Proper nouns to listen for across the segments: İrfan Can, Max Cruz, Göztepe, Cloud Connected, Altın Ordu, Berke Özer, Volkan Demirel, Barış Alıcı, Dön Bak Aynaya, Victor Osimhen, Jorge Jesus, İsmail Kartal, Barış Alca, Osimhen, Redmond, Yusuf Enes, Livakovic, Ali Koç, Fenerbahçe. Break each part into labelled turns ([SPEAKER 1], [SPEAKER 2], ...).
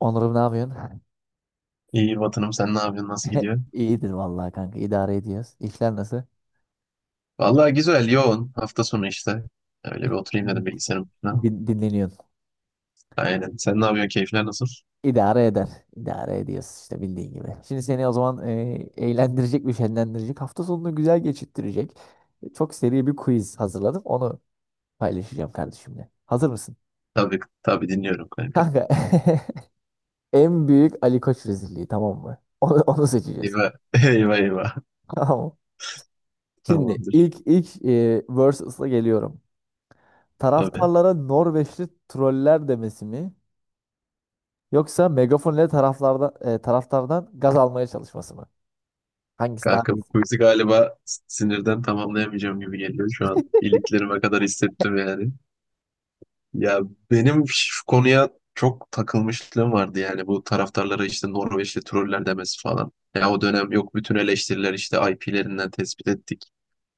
[SPEAKER 1] Onur'um ne yapıyorsun?
[SPEAKER 2] İyi Vatanım sen ne yapıyorsun? Nasıl gidiyor?
[SPEAKER 1] İyidir vallahi kanka, İdare ediyoruz. İşler nasıl?
[SPEAKER 2] Vallahi güzel, yoğun. Hafta sonu işte. Öyle bir oturayım dedim bilgisayarın başına.
[SPEAKER 1] Dinleniyorsun.
[SPEAKER 2] Aynen. Sen ne yapıyorsun? Keyifler nasıl?
[SPEAKER 1] İdare eder. İdare ediyoruz işte bildiğin gibi. Şimdi seni o zaman eğlendirecek ve şenlendirecek. Hafta sonunu güzel geçirttirecek. Çok seri bir quiz hazırladım. Onu paylaşacağım kardeşimle. Hazır mısın?
[SPEAKER 2] Tabii, tabii dinliyorum kanka.
[SPEAKER 1] Kanka, en büyük Ali Koç rezilliği, tamam mı? Onu seçeceğiz.
[SPEAKER 2] Eyvah, eyvah, eyvah.
[SPEAKER 1] Tamam mı? Şimdi
[SPEAKER 2] Tamamdır.
[SPEAKER 1] ilk versus'la geliyorum.
[SPEAKER 2] Tabii.
[SPEAKER 1] Taraftarlara Norveçli troller demesi mi? Yoksa megafon ile taraftardan gaz almaya çalışması mı? Hangisi daha
[SPEAKER 2] Kanka bu
[SPEAKER 1] iyi?
[SPEAKER 2] quiz'i galiba sinirden tamamlayamayacağım gibi geliyor. Şu an iliklerime kadar hissettim yani. Ya benim şu konuya çok takılmışlığım vardı yani. Bu taraftarlara işte Norveçli troller demesi falan. Ya o dönem yok, bütün eleştiriler işte IP'lerinden tespit ettik,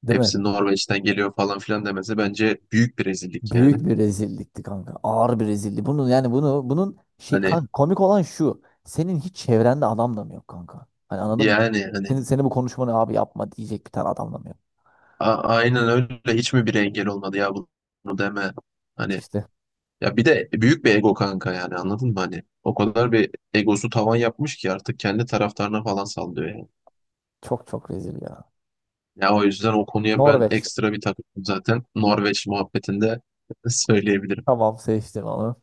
[SPEAKER 1] Değil mi?
[SPEAKER 2] hepsi Norveç'ten geliyor falan filan demesi bence büyük bir rezillik yani.
[SPEAKER 1] Büyük bir rezillikti kanka. Ağır bir rezillik. Bunun yani bunu bunun şey
[SPEAKER 2] Hani
[SPEAKER 1] kanka, komik olan şu. Senin hiç çevrende adam da mı yok kanka? Hani anladın mı?
[SPEAKER 2] yani hani
[SPEAKER 1] Seni bu konuşmanı abi yapma diyecek bir tane adam da mı yok?
[SPEAKER 2] aynen öyle, hiç mi bir engel olmadı ya bunu deme? Hani
[SPEAKER 1] İşte
[SPEAKER 2] ya bir de büyük bir ego kanka, yani anladın mı hani? O kadar bir egosu tavan yapmış ki artık kendi taraftarına falan sallıyor yani.
[SPEAKER 1] çok rezil ya.
[SPEAKER 2] Ya o yüzden o konuya ben
[SPEAKER 1] Norveç.
[SPEAKER 2] ekstra bir takıldım zaten Norveç muhabbetinde söyleyebilirim.
[SPEAKER 1] Tamam, seçtim onu.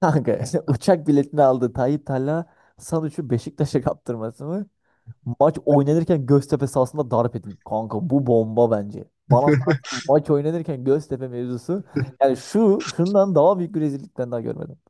[SPEAKER 1] Kanka, uçak biletini aldı Tayyip Talha Sanuç'u Beşiktaş'a kaptırması mı? Maç oynanırken Göztepe sahasında darp edildi. Kanka bu bomba bence. Bana sorarsan maç oynanırken Göztepe mevzusu, yani şundan daha büyük bir rezillikten daha görmedim.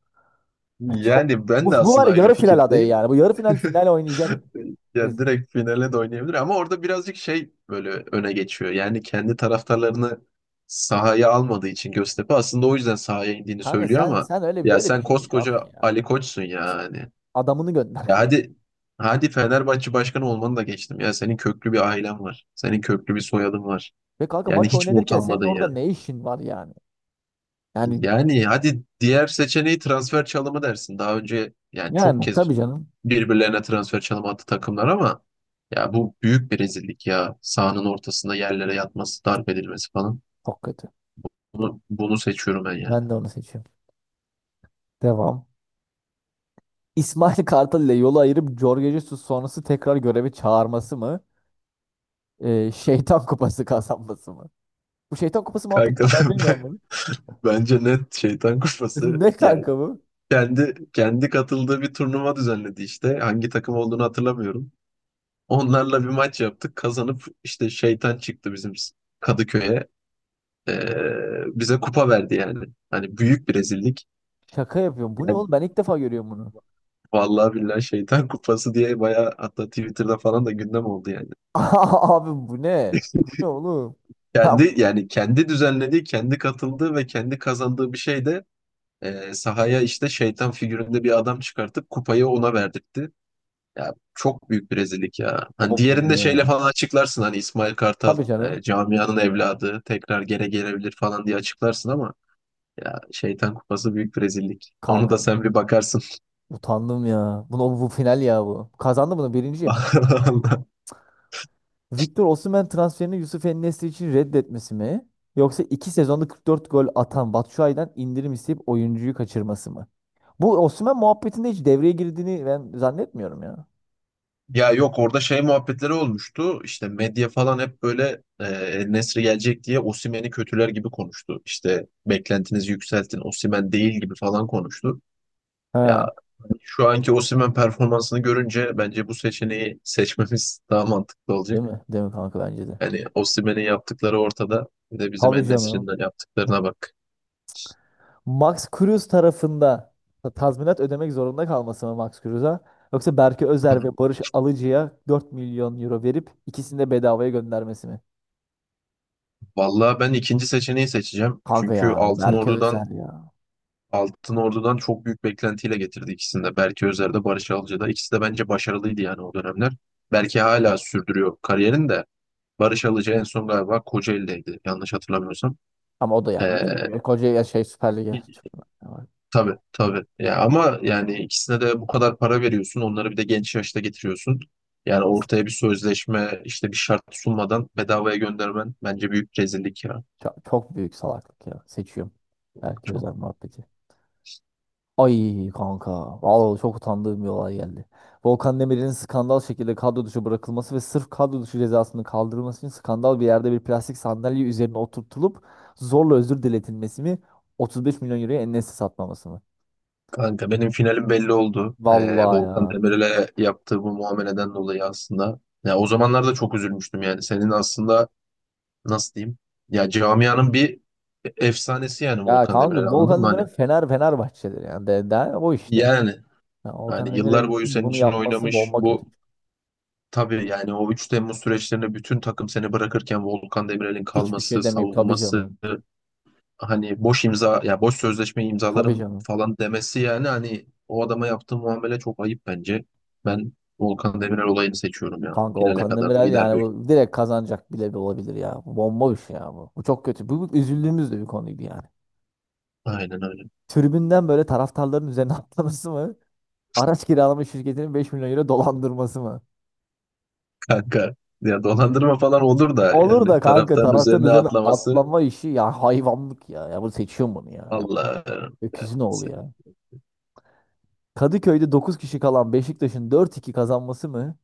[SPEAKER 1] Ya çok-
[SPEAKER 2] Yani ben
[SPEAKER 1] bu,
[SPEAKER 2] de
[SPEAKER 1] bu var
[SPEAKER 2] aslında
[SPEAKER 1] ya,
[SPEAKER 2] aynı
[SPEAKER 1] yarı final adayı
[SPEAKER 2] fikirdeyim.
[SPEAKER 1] yani. Bu yarı final final oynayacak.
[SPEAKER 2] Yani
[SPEAKER 1] Rezil.
[SPEAKER 2] direkt finale de oynayabilir ama orada birazcık şey böyle öne geçiyor. Yani kendi taraftarlarını sahaya almadığı için Göztepe aslında o yüzden sahaya indiğini
[SPEAKER 1] Kanka,
[SPEAKER 2] söylüyor
[SPEAKER 1] sen
[SPEAKER 2] ama
[SPEAKER 1] sen öyle
[SPEAKER 2] ya
[SPEAKER 1] böyle bir
[SPEAKER 2] sen
[SPEAKER 1] şey yok
[SPEAKER 2] koskoca
[SPEAKER 1] ya.
[SPEAKER 2] Ali Koç'sun yani.
[SPEAKER 1] Adamını gönder,
[SPEAKER 2] Ya
[SPEAKER 1] kanka.
[SPEAKER 2] hadi hadi Fenerbahçe başkanı olmanı da geçtim. Ya senin köklü bir ailen var. Senin köklü bir soyadın var.
[SPEAKER 1] Ve kanka,
[SPEAKER 2] Yani
[SPEAKER 1] maç
[SPEAKER 2] hiç mi
[SPEAKER 1] oynanırken senin
[SPEAKER 2] utanmadın
[SPEAKER 1] orada
[SPEAKER 2] ya?
[SPEAKER 1] ne işin var yani? Yani
[SPEAKER 2] Yani hadi diğer seçeneği transfer çalımı dersin. Daha önce yani çok
[SPEAKER 1] Yani
[SPEAKER 2] kez
[SPEAKER 1] tabii canım.
[SPEAKER 2] birbirlerine transfer çalım attı takımlar ama ya bu büyük bir rezillik ya. Sahanın ortasında yerlere yatması, darp edilmesi falan.
[SPEAKER 1] Çok kötü.
[SPEAKER 2] Bunu seçiyorum ben yani.
[SPEAKER 1] Ben de onu seçiyorum. Devam. İsmail Kartal ile yolu ayırıp Jorge Jesus sonrası tekrar göreve çağırması mı? Şeytan kupası kazanması mı? Bu şeytan kupası muhabbeti
[SPEAKER 2] Kanka
[SPEAKER 1] ne? Ben bilmiyorum
[SPEAKER 2] ben-
[SPEAKER 1] bunu.
[SPEAKER 2] bence net şeytan kuşması
[SPEAKER 1] Ne
[SPEAKER 2] yani
[SPEAKER 1] kanka bu?
[SPEAKER 2] kendi katıldığı bir turnuva düzenledi işte. Hangi takım olduğunu hatırlamıyorum. Onlarla bir maç yaptık. Kazanıp işte şeytan çıktı bizim Kadıköy'e. Bize kupa verdi yani. Hani büyük bir rezillik.
[SPEAKER 1] Şaka yapıyorum. Bu ne
[SPEAKER 2] Yani
[SPEAKER 1] oğlum? Ben ilk defa görüyorum bunu.
[SPEAKER 2] vallahi billahi şeytan kupası diye bayağı, hatta Twitter'da falan da gündem oldu yani.
[SPEAKER 1] Abi bu ne? Bu ne oğlum? Ben
[SPEAKER 2] Kendi yani kendi düzenlediği, kendi katıldığı ve kendi kazandığı bir şey de sahaya işte şeytan figüründe bir adam çıkartıp kupayı ona verdirtti. Ya çok büyük bir rezillik ya.
[SPEAKER 1] Baba
[SPEAKER 2] Hani
[SPEAKER 1] bu
[SPEAKER 2] diğerinde
[SPEAKER 1] ne ya?
[SPEAKER 2] şeyle falan açıklarsın hani İsmail Kartal
[SPEAKER 1] Tabii canım.
[SPEAKER 2] camianın evladı tekrar geri gelebilir falan diye açıklarsın ama ya şeytan kupası büyük bir rezillik. Onu da
[SPEAKER 1] Kanka
[SPEAKER 2] sen bir bakarsın.
[SPEAKER 1] utandım ya. Bunu, bu final ya bu. Kazandı, bunu birinci yapayım. Victor Osimhen transferini Yusuf en için reddetmesi mi? Yoksa iki sezonda 44 gol atan Batshuayi'den indirim isteyip oyuncuyu kaçırması mı? Bu Osimhen muhabbetinde hiç devreye girdiğini ben zannetmiyorum ya.
[SPEAKER 2] Ya yok, orada şey muhabbetleri olmuştu. İşte medya falan hep böyle Nesri gelecek diye Osimhen'i kötüler gibi konuştu. İşte beklentinizi yükseltin, Osimhen değil gibi falan konuştu.
[SPEAKER 1] He.
[SPEAKER 2] Ya şu anki Osimhen performansını görünce bence bu seçeneği seçmemiz daha mantıklı
[SPEAKER 1] Değil
[SPEAKER 2] olacak.
[SPEAKER 1] mi? Değil mi kanka, bence de.
[SPEAKER 2] Yani Osimhen'in yaptıkları ortada. Bir de bizim
[SPEAKER 1] Abi
[SPEAKER 2] en de
[SPEAKER 1] canım.
[SPEAKER 2] yaptıklarına bak.
[SPEAKER 1] Max Cruz tarafında tazminat ödemek zorunda kalması mı Max Cruz'a? Yoksa Berke
[SPEAKER 2] Hı hı.
[SPEAKER 1] Özer ve Barış Alıcı'ya 4 milyon euro verip ikisini de bedavaya göndermesi mi?
[SPEAKER 2] Vallahi ben ikinci seçeneği seçeceğim.
[SPEAKER 1] Kanka
[SPEAKER 2] Çünkü
[SPEAKER 1] ya
[SPEAKER 2] Altın
[SPEAKER 1] Berke
[SPEAKER 2] Ordu'dan
[SPEAKER 1] Özer ya.
[SPEAKER 2] Altın Ordu'dan çok büyük beklentiyle getirdi ikisini de. Berke Özer'de, Barış Alca'da. İkisi de bence başarılıydı yani o dönemler. Belki hala sürdürüyor kariyerini de. Barış Alca en son galiba Kocaeli'deydi, yanlış hatırlamıyorsam.
[SPEAKER 1] Ama o da
[SPEAKER 2] Ee,
[SPEAKER 1] yani, çünkü koca ya şey Süper Lig'e çıkıyor.
[SPEAKER 2] tabii, tabii. Ya ama yani ikisine de bu kadar para veriyorsun. Onları bir de genç yaşta getiriyorsun. Yani ortaya bir sözleşme, işte bir şart sunmadan bedavaya göndermen bence büyük rezillik ya.
[SPEAKER 1] Çok büyük salaklık ya. Seçiyorum. Berke
[SPEAKER 2] Çok.
[SPEAKER 1] Özer muhabbeti. Ay kanka. Vallahi çok utandığım bir olay geldi. Volkan Demirel'in skandal şekilde kadro dışı bırakılması ve sırf kadro dışı cezasının kaldırılması için skandal bir yerde bir plastik sandalye üzerine oturtulup zorla özür diletilmesi mi? 35 milyon euroya en satmaması mı?
[SPEAKER 2] Kanka benim finalim belli oldu.
[SPEAKER 1] Vallahi
[SPEAKER 2] Volkan
[SPEAKER 1] ya.
[SPEAKER 2] Demirel'e yaptığı bu muameleden dolayı aslında. Ya o zamanlarda çok üzülmüştüm yani. Senin aslında nasıl diyeyim? Ya camianın bir efsanesi yani
[SPEAKER 1] Ya
[SPEAKER 2] Volkan
[SPEAKER 1] kanka,
[SPEAKER 2] Demirel, anladın
[SPEAKER 1] Volkan
[SPEAKER 2] mı?
[SPEAKER 1] Demirel
[SPEAKER 2] Hani
[SPEAKER 1] Fenerbahçe'dir yani. O işte.
[SPEAKER 2] yani
[SPEAKER 1] Ya Volkan
[SPEAKER 2] hani
[SPEAKER 1] Aynen Demirel
[SPEAKER 2] yıllar boyu
[SPEAKER 1] için
[SPEAKER 2] senin
[SPEAKER 1] bunu
[SPEAKER 2] için
[SPEAKER 1] yapması
[SPEAKER 2] oynamış.
[SPEAKER 1] bomba kötü.
[SPEAKER 2] Bu tabii yani o 3 Temmuz süreçlerinde bütün takım seni bırakırken Volkan Demirel'in
[SPEAKER 1] Hiçbir şey
[SPEAKER 2] kalması,
[SPEAKER 1] demeyip tabii
[SPEAKER 2] savunması,
[SPEAKER 1] canım.
[SPEAKER 2] hani boş imza ya boş sözleşme
[SPEAKER 1] Tabii
[SPEAKER 2] imzalarım
[SPEAKER 1] canım.
[SPEAKER 2] falan demesi, yani hani o adama yaptığı muamele çok ayıp bence. Ben Volkan Demirel olayını seçiyorum ya.
[SPEAKER 1] Kanka
[SPEAKER 2] Finale
[SPEAKER 1] Volkan
[SPEAKER 2] kadar da
[SPEAKER 1] Demirel
[SPEAKER 2] gider
[SPEAKER 1] yani
[SPEAKER 2] büyük.
[SPEAKER 1] bu direkt kazanacak bile bir olabilir ya. Bu bomba bir şey ya bu. Bu çok kötü. Bu üzüldüğümüz de bir konuydu yani.
[SPEAKER 2] Aynen öyle.
[SPEAKER 1] Tribünden böyle taraftarların üzerine atlaması mı? Araç kiralama şirketinin beş milyon euro dolandırması mı?
[SPEAKER 2] Kanka ya dolandırma falan olur da
[SPEAKER 1] Olur
[SPEAKER 2] yani
[SPEAKER 1] da kanka
[SPEAKER 2] taraftarın
[SPEAKER 1] taraftarın
[SPEAKER 2] üzerine
[SPEAKER 1] üzerine
[SPEAKER 2] atlaması
[SPEAKER 1] atlama işi ya, hayvanlık ya. Ya bunu seçiyorum, bunu ya. Ya
[SPEAKER 2] vallahi
[SPEAKER 1] öküzün oğlu ya. Kadıköy'de 9 kişi kalan Beşiktaş'ın dört iki kazanması mı?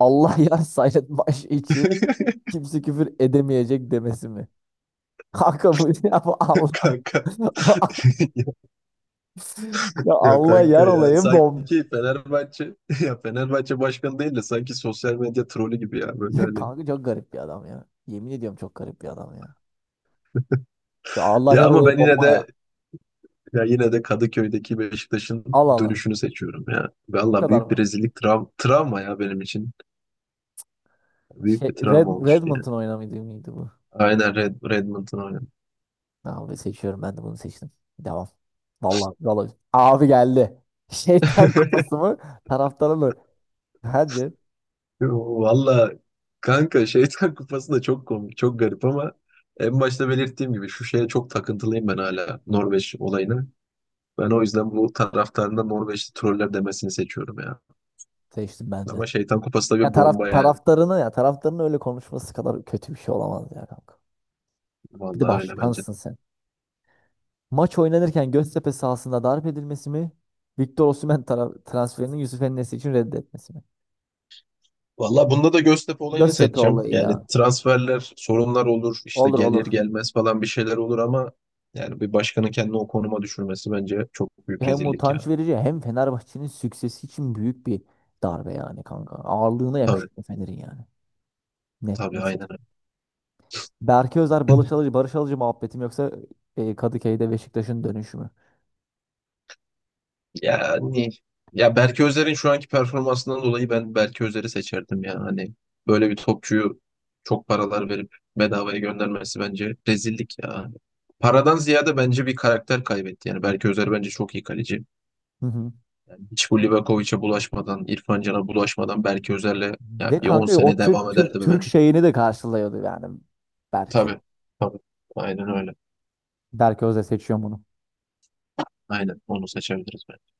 [SPEAKER 1] Allah yar Sayret Baş için kimse küfür edemeyecek demesi mi? Kanka bu, ya bu Allah.
[SPEAKER 2] kanka,
[SPEAKER 1] Ya
[SPEAKER 2] ya
[SPEAKER 1] Allah
[SPEAKER 2] kanka
[SPEAKER 1] yar
[SPEAKER 2] ya
[SPEAKER 1] olayım bom.
[SPEAKER 2] sanki Fenerbahçe ya Fenerbahçe başkanı değil de sanki sosyal medya trolü gibi ya böyle
[SPEAKER 1] Ya
[SPEAKER 2] hani.
[SPEAKER 1] kanka çok garip bir adam ya. Yemin ediyorum, çok garip bir adam ya. Ya Allah
[SPEAKER 2] Ya
[SPEAKER 1] yar
[SPEAKER 2] ama
[SPEAKER 1] olayım
[SPEAKER 2] ben yine
[SPEAKER 1] bomba ya.
[SPEAKER 2] de Ya yine de Kadıköy'deki Beşiktaş'ın
[SPEAKER 1] Al.
[SPEAKER 2] dönüşünü seçiyorum ya.
[SPEAKER 1] O
[SPEAKER 2] Valla
[SPEAKER 1] kadar
[SPEAKER 2] büyük
[SPEAKER 1] mı?
[SPEAKER 2] bir rezillik, travma ya benim için. Büyük bir travma oluştu yani.
[SPEAKER 1] Redmond'un oynamaydı mıydı bu?
[SPEAKER 2] Aynen Redmond'un oynadı.
[SPEAKER 1] Tamam, ben seçiyorum, ben de bunu seçtim. Devam. Vallahi vallahi. Abi geldi. Şeytan kupası mı? Taraftarı mı? Bence
[SPEAKER 2] Valla kanka Şeytan Kupası da çok komik, çok garip ama en başta belirttiğim gibi şu şeye çok takıntılıyım ben, hala Norveç olayına. Ben o yüzden bu taraftarında Norveçli troller demesini seçiyorum ya.
[SPEAKER 1] seçtim ben de.
[SPEAKER 2] Ama Şeytan Kupası da bir bomba yani.
[SPEAKER 1] Taraftarını ya taraftarının öyle konuşması kadar kötü bir şey olamaz ya kanka. Bir de
[SPEAKER 2] Vallahi öyle bence.
[SPEAKER 1] başkansın sen. Maç oynanırken Göztepe sahasında darp edilmesi mi? Victor Osimhen transferinin Yusuf Enes için reddetmesi mi?
[SPEAKER 2] Valla bunda da Göztepe olayını
[SPEAKER 1] Göztepe
[SPEAKER 2] seçeceğim.
[SPEAKER 1] olayı
[SPEAKER 2] Yani
[SPEAKER 1] ya.
[SPEAKER 2] transferler, sorunlar olur, işte
[SPEAKER 1] Olur
[SPEAKER 2] gelir
[SPEAKER 1] olur.
[SPEAKER 2] gelmez falan bir şeyler olur ama yani bir başkanın kendini o konuma düşürmesi bence çok büyük
[SPEAKER 1] Hem
[SPEAKER 2] rezillik
[SPEAKER 1] utanç
[SPEAKER 2] ya.
[SPEAKER 1] verici hem Fenerbahçe'nin süksesi için büyük bir darbe yani kanka. Ağırlığına
[SPEAKER 2] Tabii,
[SPEAKER 1] yakışıyor Fener'in yani. Net
[SPEAKER 2] tabii,
[SPEAKER 1] net.
[SPEAKER 2] aynen öyle.
[SPEAKER 1] Berke Özer, Barış Alıcı, Barış Alıcı muhabbetim yoksa Kadıköy'de Beşiktaş'ın dönüşü mü?
[SPEAKER 2] Yani ya Berke Özer'in şu anki performansından dolayı ben Berke Özer'i seçerdim ya. Hani böyle bir topçuyu çok paralar verip bedavaya göndermesi bence rezillik ya. Paradan ziyade bence bir karakter kaybetti. Yani Berke Özer bence çok iyi kaleci.
[SPEAKER 1] Hı hı.
[SPEAKER 2] Hiç bu Livakovic'e bulaşmadan, İrfan Can'a bulaşmadan belki Özer'le yani
[SPEAKER 1] Ve
[SPEAKER 2] bir 10
[SPEAKER 1] kanka, o
[SPEAKER 2] sene devam ederdi
[SPEAKER 1] Türk
[SPEAKER 2] bence.
[SPEAKER 1] şeyini de karşılıyordu yani Berke.
[SPEAKER 2] Tabii, tabii. Aynen öyle.
[SPEAKER 1] Berke Özer seçiyor bunu.
[SPEAKER 2] Aynen onu seçebiliriz bence.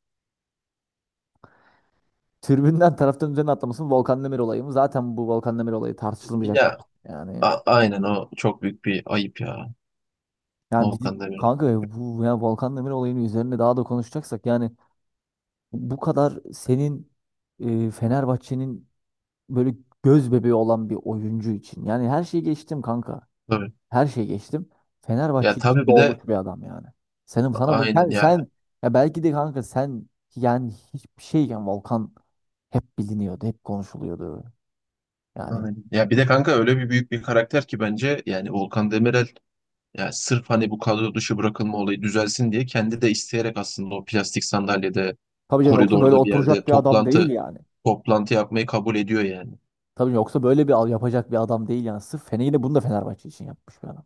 [SPEAKER 1] Tribünden taraftarın üzerine atlamasının Volkan Demir olayı mı? Zaten bu Volkan Demir olayı tartışılmayacak
[SPEAKER 2] Ya
[SPEAKER 1] bir yani.
[SPEAKER 2] aynen, o çok büyük bir ayıp ya.
[SPEAKER 1] Yani bizi,
[SPEAKER 2] Volkan Demirel.
[SPEAKER 1] kanka ya bu ya Volkan Demir olayının üzerine daha da konuşacaksak yani, bu kadar senin, Fenerbahçe'nin böyle göz bebeği olan bir oyuncu için. Yani her şeyi geçtim kanka.
[SPEAKER 2] Tabii.
[SPEAKER 1] Her şeyi geçtim.
[SPEAKER 2] Ya
[SPEAKER 1] Fenerbahçe için
[SPEAKER 2] tabii bir
[SPEAKER 1] doğmuş
[SPEAKER 2] de
[SPEAKER 1] bir adam yani. Senin sana bu
[SPEAKER 2] aynen
[SPEAKER 1] sen,
[SPEAKER 2] ya.
[SPEAKER 1] sen Ya belki de kanka sen, yani hiçbir şeyken Volkan hep biliniyordu, hep konuşuluyordu. Yani
[SPEAKER 2] Aynen. Ya bir de kanka öyle bir büyük bir karakter ki bence yani Volkan Demirel, ya sırf hani bu kadro dışı bırakılma olayı düzelsin diye kendi de isteyerek aslında o plastik sandalyede
[SPEAKER 1] tabii canım, yoksa böyle
[SPEAKER 2] koridorda bir yerde
[SPEAKER 1] oturacak bir adam değil
[SPEAKER 2] toplantı
[SPEAKER 1] yani.
[SPEAKER 2] toplantı yapmayı kabul ediyor yani.
[SPEAKER 1] Tabii yoksa böyle bir al yapacak bir adam değil yani. Sırf Fene, yine bunu da Fenerbahçe için yapmış bir adam.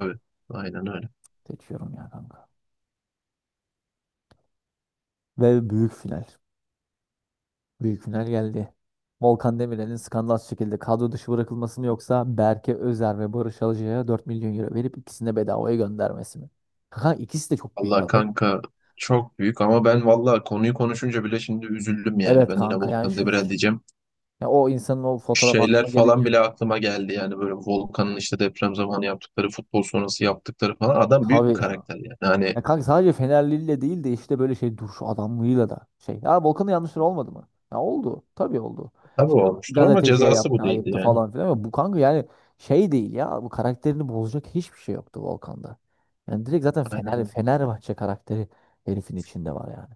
[SPEAKER 2] Evet, aynen öyle.
[SPEAKER 1] Seçiyorum ya kanka. Ve büyük final. Büyük final geldi. Volkan Demirel'in skandal şekilde kadro dışı bırakılması mı yoksa Berke Özer ve Barış Alcay'a 4 milyon euro verip ikisini de bedavaya göndermesi mi? Kanka ikisi de çok büyük
[SPEAKER 2] Allah
[SPEAKER 1] aday.
[SPEAKER 2] kanka çok büyük, ama ben valla konuyu konuşunca bile şimdi üzüldüm yani.
[SPEAKER 1] Evet
[SPEAKER 2] Ben yine
[SPEAKER 1] kanka, yani
[SPEAKER 2] Volkan
[SPEAKER 1] şu,
[SPEAKER 2] Demirel diyeceğim.
[SPEAKER 1] ya o insanın o fotoğraf
[SPEAKER 2] Şeyler
[SPEAKER 1] aklıma gelince
[SPEAKER 2] falan bile aklıma geldi yani, böyle Volkan'ın işte deprem zamanı yaptıkları, futbol sonrası yaptıkları falan. Adam büyük bir
[SPEAKER 1] tabii ya.
[SPEAKER 2] karakter yani. Hani
[SPEAKER 1] Ya kanka sadece Fenerliyle değil de işte böyle şey, duruş adamlığıyla da şey. Ya Volkan'ın yanlışları olmadı mı? Ya oldu. Tabii oldu.
[SPEAKER 2] tabii
[SPEAKER 1] İşte
[SPEAKER 2] olmuştur ama
[SPEAKER 1] gazeteciye
[SPEAKER 2] cezası bu
[SPEAKER 1] yaptı,
[SPEAKER 2] değildi
[SPEAKER 1] ayıptı
[SPEAKER 2] yani.
[SPEAKER 1] falan filan. Ama bu kanka yani şey değil ya. Bu karakterini bozacak hiçbir şey yoktu Volkan'da. Yani direkt zaten
[SPEAKER 2] Aynen öyle.
[SPEAKER 1] Fenerbahçe karakteri herifin içinde var yani.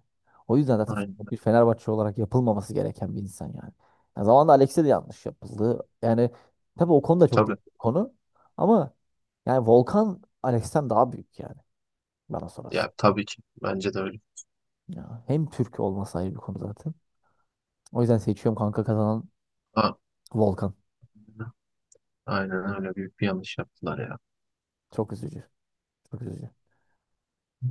[SPEAKER 1] O yüzden zaten
[SPEAKER 2] Aynen
[SPEAKER 1] bir
[SPEAKER 2] öyle.
[SPEAKER 1] Fenerbahçe olarak yapılmaması gereken bir insan yani. Ya zamanında Alex'e de yanlış yapıldı. Yani tabii o konu da çok
[SPEAKER 2] Tabii.
[SPEAKER 1] derin bir konu. Ama yani Volkan Alex'ten daha büyük yani, bana
[SPEAKER 2] Ya
[SPEAKER 1] sorarsan.
[SPEAKER 2] tabii ki. Bence de öyle.
[SPEAKER 1] Ya, hem Türk olması ayrı bir konu zaten. O yüzden seçiyorum kanka, kazanan
[SPEAKER 2] A-
[SPEAKER 1] Volkan.
[SPEAKER 2] Aynen öyle. Büyük bir yanlış yaptılar ya.
[SPEAKER 1] Çok üzücü. Çok üzücü.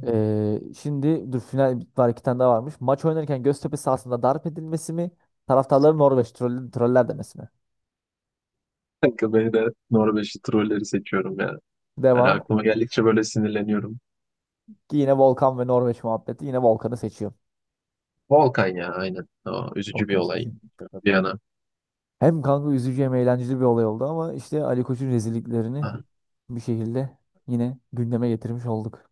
[SPEAKER 1] Şimdi dur, final var, iki tane daha varmış. Maç oynarken Göztepe sahasında darp edilmesi mi? Taraftarları troller demesi mi?
[SPEAKER 2] Kanka ben de Norveçli trolleri seçiyorum ya. Yani
[SPEAKER 1] Devam.
[SPEAKER 2] aklıma geldikçe böyle sinirleniyorum.
[SPEAKER 1] Ki yine Volkan ve Norveç muhabbeti. Yine Volkan'ı seçiyorum.
[SPEAKER 2] Volkan ya, aynen. O, üzücü bir
[SPEAKER 1] Volkan'ı
[SPEAKER 2] olay.
[SPEAKER 1] seçiyorum.
[SPEAKER 2] Bir yana.
[SPEAKER 1] Hem kanka üzücü hem eğlenceli bir olay oldu ama işte Ali Koç'un rezilliklerini
[SPEAKER 2] Ha,
[SPEAKER 1] bir şekilde yine gündeme getirmiş olduk.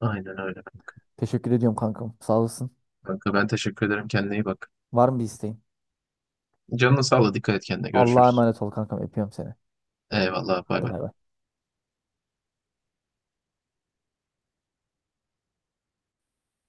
[SPEAKER 2] aynen öyle kanka.
[SPEAKER 1] Teşekkür ediyorum kankam. Sağ olasın.
[SPEAKER 2] Kanka ben teşekkür ederim. Kendine iyi bak.
[SPEAKER 1] Var mı bir isteğin?
[SPEAKER 2] Canına sağlık. Dikkat et kendine.
[SPEAKER 1] Allah'a
[SPEAKER 2] Görüşürüz.
[SPEAKER 1] emanet ol kankam. Öpüyorum seni.
[SPEAKER 2] Eyvallah. Bay
[SPEAKER 1] Hadi
[SPEAKER 2] bay.
[SPEAKER 1] bay bay.